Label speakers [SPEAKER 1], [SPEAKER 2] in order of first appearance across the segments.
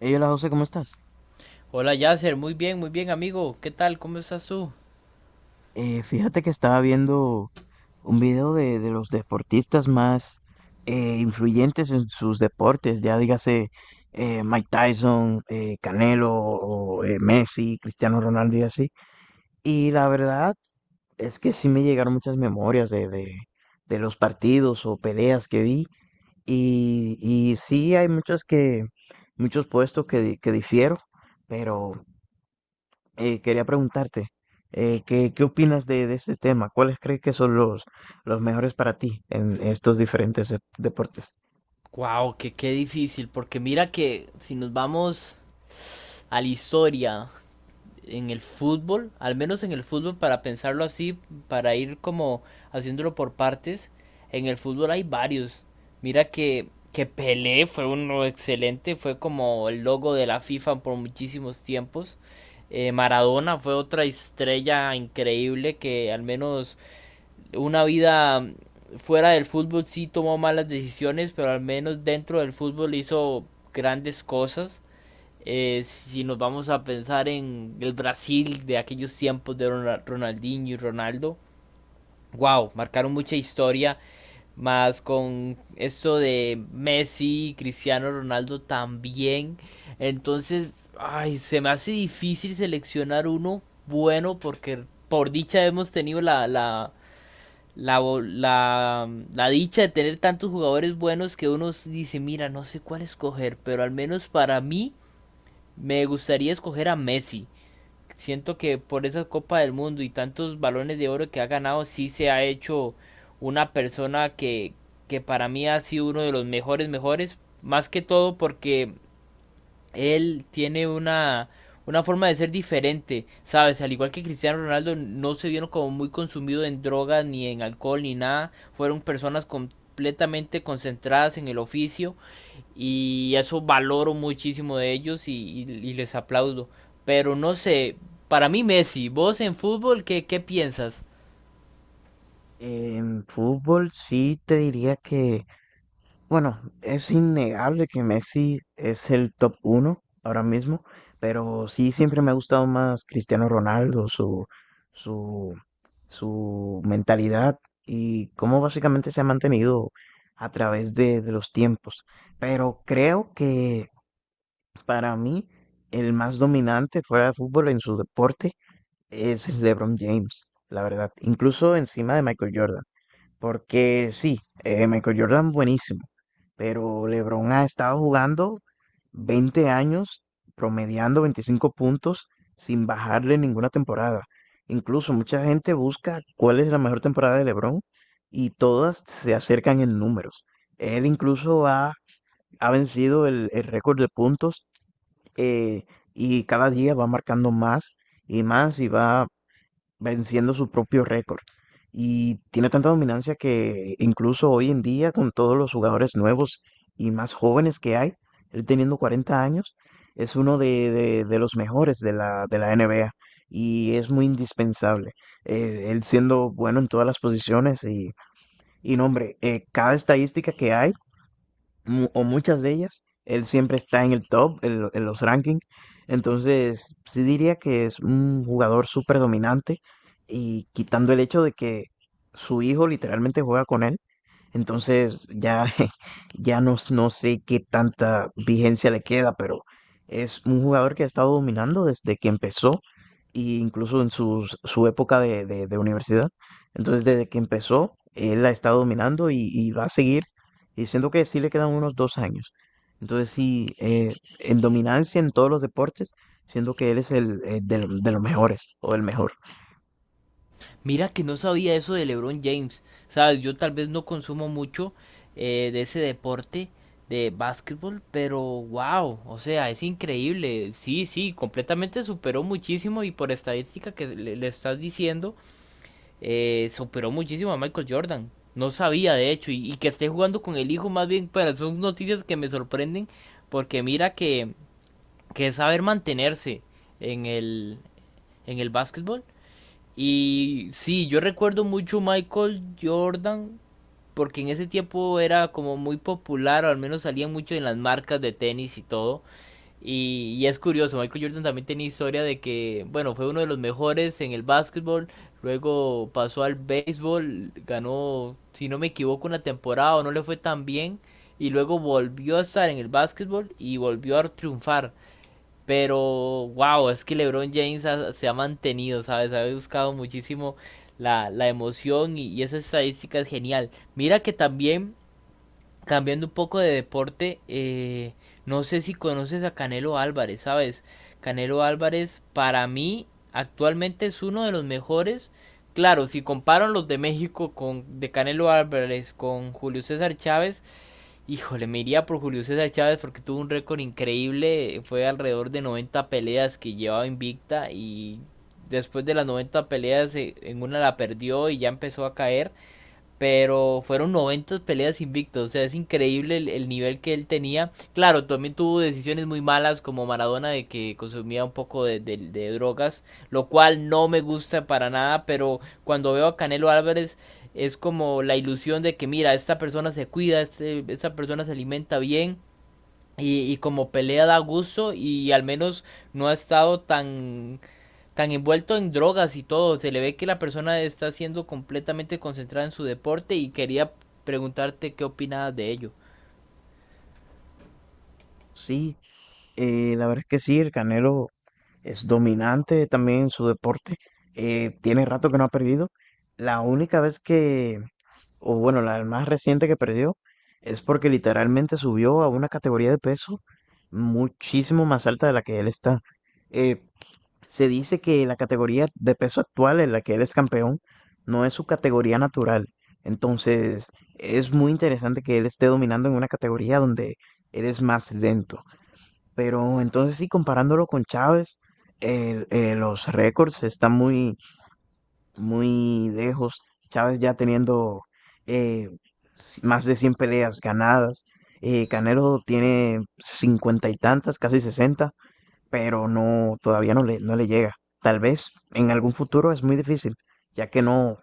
[SPEAKER 1] Hey, hola José, ¿cómo estás?
[SPEAKER 2] Hola Yasser, muy bien amigo, ¿qué tal? ¿Cómo estás tú?
[SPEAKER 1] Fíjate que estaba viendo un video de los deportistas más influyentes en sus deportes, ya dígase Mike Tyson, Canelo, o Messi, Cristiano Ronaldo y así. Y la verdad es que sí me llegaron muchas memorias de los partidos o peleas que vi. Y sí hay muchos puestos que difiero, pero quería preguntarte, ¿ qué opinas de este tema? ¿Cuáles crees que son los mejores para ti en estos diferentes deportes?
[SPEAKER 2] Wow, que qué difícil, porque mira que si nos vamos a la historia en el fútbol, al menos en el fútbol para pensarlo así, para ir como haciéndolo por partes, en el fútbol hay varios. Mira que Pelé fue uno excelente, fue como el logo de la FIFA por muchísimos tiempos. Maradona fue otra estrella increíble que al menos una vida fuera del fútbol sí tomó malas decisiones, pero al menos dentro del fútbol hizo grandes cosas. Si nos vamos a pensar en el Brasil de aquellos tiempos de Ronaldinho y Ronaldo, wow, marcaron mucha historia, más con esto de Messi y Cristiano Ronaldo también. Entonces, ay, se me hace difícil seleccionar uno bueno porque por dicha hemos tenido la, la, la dicha de tener tantos jugadores buenos que uno dice, mira, no sé cuál escoger, pero al menos para mí me gustaría escoger a Messi. Siento que por esa Copa del Mundo y tantos balones de oro que ha ganado, sí se ha hecho una persona que para mí ha sido uno de los mejores, mejores, más que todo porque él tiene una forma de ser diferente, ¿sabes? Al igual que Cristiano Ronaldo, no se vieron como muy consumidos en drogas, ni en alcohol, ni nada. Fueron personas completamente concentradas en el oficio y eso valoro muchísimo de ellos y les aplaudo. Pero no sé, para mí Messi, vos en fútbol, ¿qué piensas?
[SPEAKER 1] En fútbol sí te diría que bueno, es innegable que Messi es el top uno ahora mismo, pero sí siempre me ha gustado más Cristiano Ronaldo, su, su mentalidad y cómo básicamente se ha mantenido a través de los tiempos. Pero creo que para mí, el más dominante fuera de fútbol en su deporte es el LeBron James, la verdad, incluso encima de Michael Jordan, porque sí, Michael Jordan buenísimo, pero LeBron ha estado jugando 20 años, promediando 25 puntos sin bajarle ninguna temporada. Incluso mucha gente busca cuál es la mejor temporada de LeBron y todas se acercan en números. Él ha vencido el récord de puntos eh, y cada día va marcando más y más y va venciendo su propio récord. Y tiene tanta dominancia que incluso hoy en día, con todos los jugadores nuevos y más jóvenes que hay, él teniendo 40 años, es uno de los mejores de de la NBA y es muy indispensable. Él siendo bueno en todas las posiciones y y, no, hombre, cada estadística que hay o muchas de ellas. Él siempre está en el top, en los rankings. Entonces, sí diría que es un jugador súper dominante y quitando el hecho de que su hijo literalmente juega con él, entonces ya, no sé qué tanta vigencia le queda, pero es un jugador que ha estado dominando desde que empezó, e incluso en su época de universidad. Entonces desde que empezó, él ha estado dominando y va a seguir, y siento que sí le quedan unos dos años. Entonces sí, en dominancia en todos los deportes, siento que él es de los mejores o el mejor.
[SPEAKER 2] Mira que no sabía eso de LeBron James, ¿sabes? Yo tal vez no consumo mucho de ese deporte de básquetbol, pero wow, o sea, es increíble. Sí, sí, completamente superó muchísimo y por estadística que le estás diciendo, superó muchísimo a Michael Jordan. No sabía, de hecho, y que esté jugando con el hijo más bien, pero son noticias que me sorprenden porque mira que es saber mantenerse en el, en el básquetbol y sí, yo recuerdo mucho Michael Jordan porque en ese tiempo era como muy popular, o al menos salía mucho en las marcas de tenis y todo. Y es curioso, Michael Jordan también tenía historia de que, bueno, fue uno de los mejores en el básquetbol, luego pasó al béisbol, ganó, si no me equivoco, una temporada o no le fue tan bien, y luego volvió a estar en el básquetbol y volvió a triunfar. Pero, wow, es que se ha mantenido, ¿sabes? Ha buscado muchísimo la emoción y esa estadística es genial. Mira que también, cambiando un poco de deporte, no sé si conoces a Canelo Álvarez, ¿sabes? Canelo Álvarez para mí actualmente es uno de los mejores. Claro, si comparan los de México con de Canelo Álvarez con Julio César Chávez, híjole, me iría por Julio César Chávez porque tuvo un récord increíble. Fue alrededor de 90 peleas que llevaba invicta y después de las 90 peleas en una la perdió y ya empezó a caer. Pero fueron 90 peleas invictos, o sea, es increíble el nivel que él tenía. Claro, también tuvo decisiones muy malas como Maradona de que consumía un poco de drogas, lo cual no me gusta para nada, pero cuando veo a Canelo Álvarez es como la ilusión de que mira, esta persona se cuida, este, esta persona se alimenta bien y como pelea da gusto y al menos no ha estado tan envuelto en drogas y todo, se le ve que la persona está siendo completamente concentrada en su deporte y quería preguntarte qué opinabas de ello.
[SPEAKER 1] Sí, la verdad es que sí, el Canelo. Es dominante también en su deporte. Tiene rato que no ha perdido. La única vez que, O bueno, la más reciente que perdió es porque literalmente subió a una categoría de peso muchísimo más alta de la que él está. Eh, Se dice que la categoría de peso actual en la que él es campeón no es su categoría natural. Entonces, es muy interesante que él esté dominando en una categoría donde él es más lento. Pero entonces sí, comparándolo con Chávez, los récords están muy lejos. Chávez ya teniendo eh, más de 100 peleas ganadas. Canelo tiene cincuenta y tantas, casi sesenta, pero no, todavía no no le llega. Tal vez en algún futuro es muy difícil, ya que no,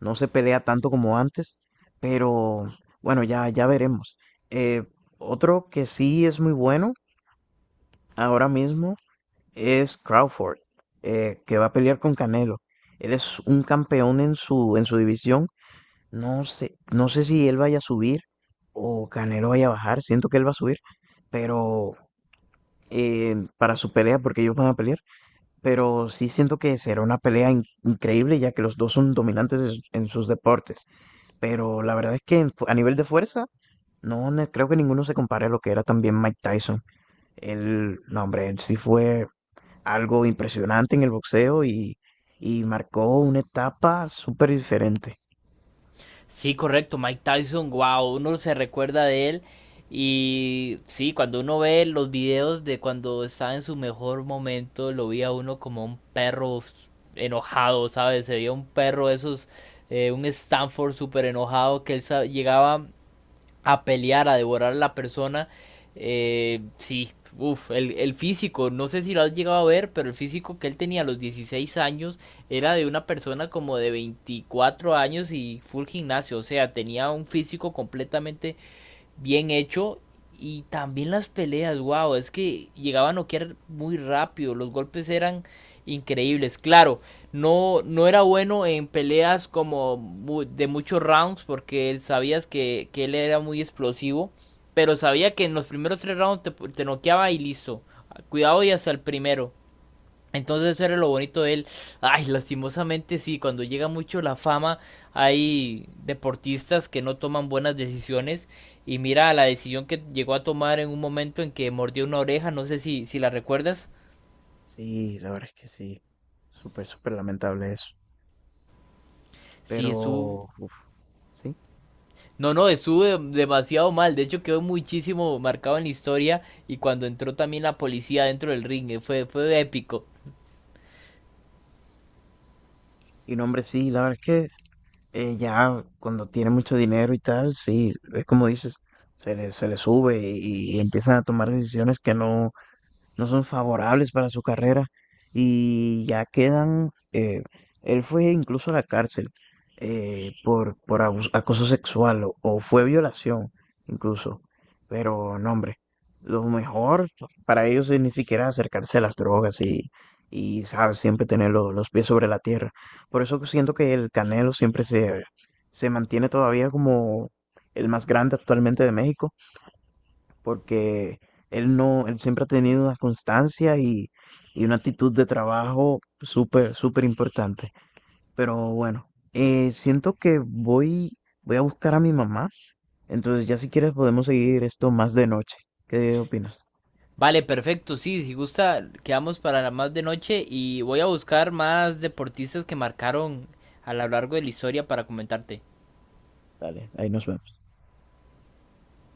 [SPEAKER 1] no se pelea tanto como antes, pero bueno, ya veremos. Eh, Otro que sí es muy bueno ahora mismo es Crawford, que va a pelear con Canelo. Él es un campeón en en su división. No sé si él vaya a subir o Canelo vaya a bajar. Siento que él va a subir, pero para su pelea, porque ellos van a pelear. Pero sí siento que será una pelea increíble, ya que los dos son dominantes en sus deportes. Pero la verdad es que en a nivel de fuerza, no ne- creo que ninguno se compare a lo que era también Mike Tyson. El, no, hombre, él sí fue algo impresionante en el boxeo y marcó una etapa súper diferente.
[SPEAKER 2] Sí, correcto, Mike Tyson, wow, uno se recuerda de él y sí, cuando uno ve los videos de cuando estaba en su mejor momento, lo vi uno como un perro enojado, ¿sabes? Se veía un perro esos, un Stanford súper enojado que él llegaba a pelear, a devorar a la persona. Sí, uff, el físico, no sé si lo has llegado a ver, pero el físico que él tenía a los 16 años era de una persona como de 24 años y full gimnasio, o sea, tenía un físico completamente bien hecho. Y también las peleas, wow, es que llegaba a noquear muy rápido, los golpes eran increíbles. Claro, no, no era bueno en peleas como de muchos rounds porque él sabías que él era muy explosivo, pero sabía que en los primeros 3 rounds te noqueaba y listo. Cuidado y hasta el primero. Entonces eso era lo bonito de él. Ay, lastimosamente sí, cuando llega mucho la fama hay deportistas que no toman buenas decisiones y mira la decisión que llegó a tomar en un momento en que mordió una oreja, no sé si, si la recuerdas.
[SPEAKER 1] Sí, la verdad es que sí, súper, súper lamentable eso.
[SPEAKER 2] Sí estuvo...
[SPEAKER 1] Pero, uf, sí.
[SPEAKER 2] No, no, estuvo demasiado mal, de hecho quedó muchísimo marcado en la historia y cuando entró también la policía dentro del ring, fue, fue épico.
[SPEAKER 1] Y no, hombre, sí, la verdad es que ya cuando tiene mucho dinero y tal, sí, es como dices, se le sube y empiezan a tomar decisiones que no son favorables para su carrera y ya quedan, él fue incluso a la cárcel por, acoso sexual o fue violación incluso, pero no hombre, lo mejor para ellos es ni siquiera acercarse a las drogas y sabes, siempre tener los pies sobre la tierra. Por eso siento que el Canelo se mantiene todavía como el más grande actualmente de México porque él no, él siempre ha tenido una constancia y una actitud de trabajo súper, súper importante. Pero bueno, siento que voy a buscar a mi mamá, entonces ya si quieres podemos seguir esto más de noche. ¿Qué opinas?
[SPEAKER 2] Vale, perfecto, sí, si gusta, quedamos para la más de noche y voy a buscar más deportistas que marcaron a lo largo de la historia para comentarte.
[SPEAKER 1] Dale, ahí nos vemos.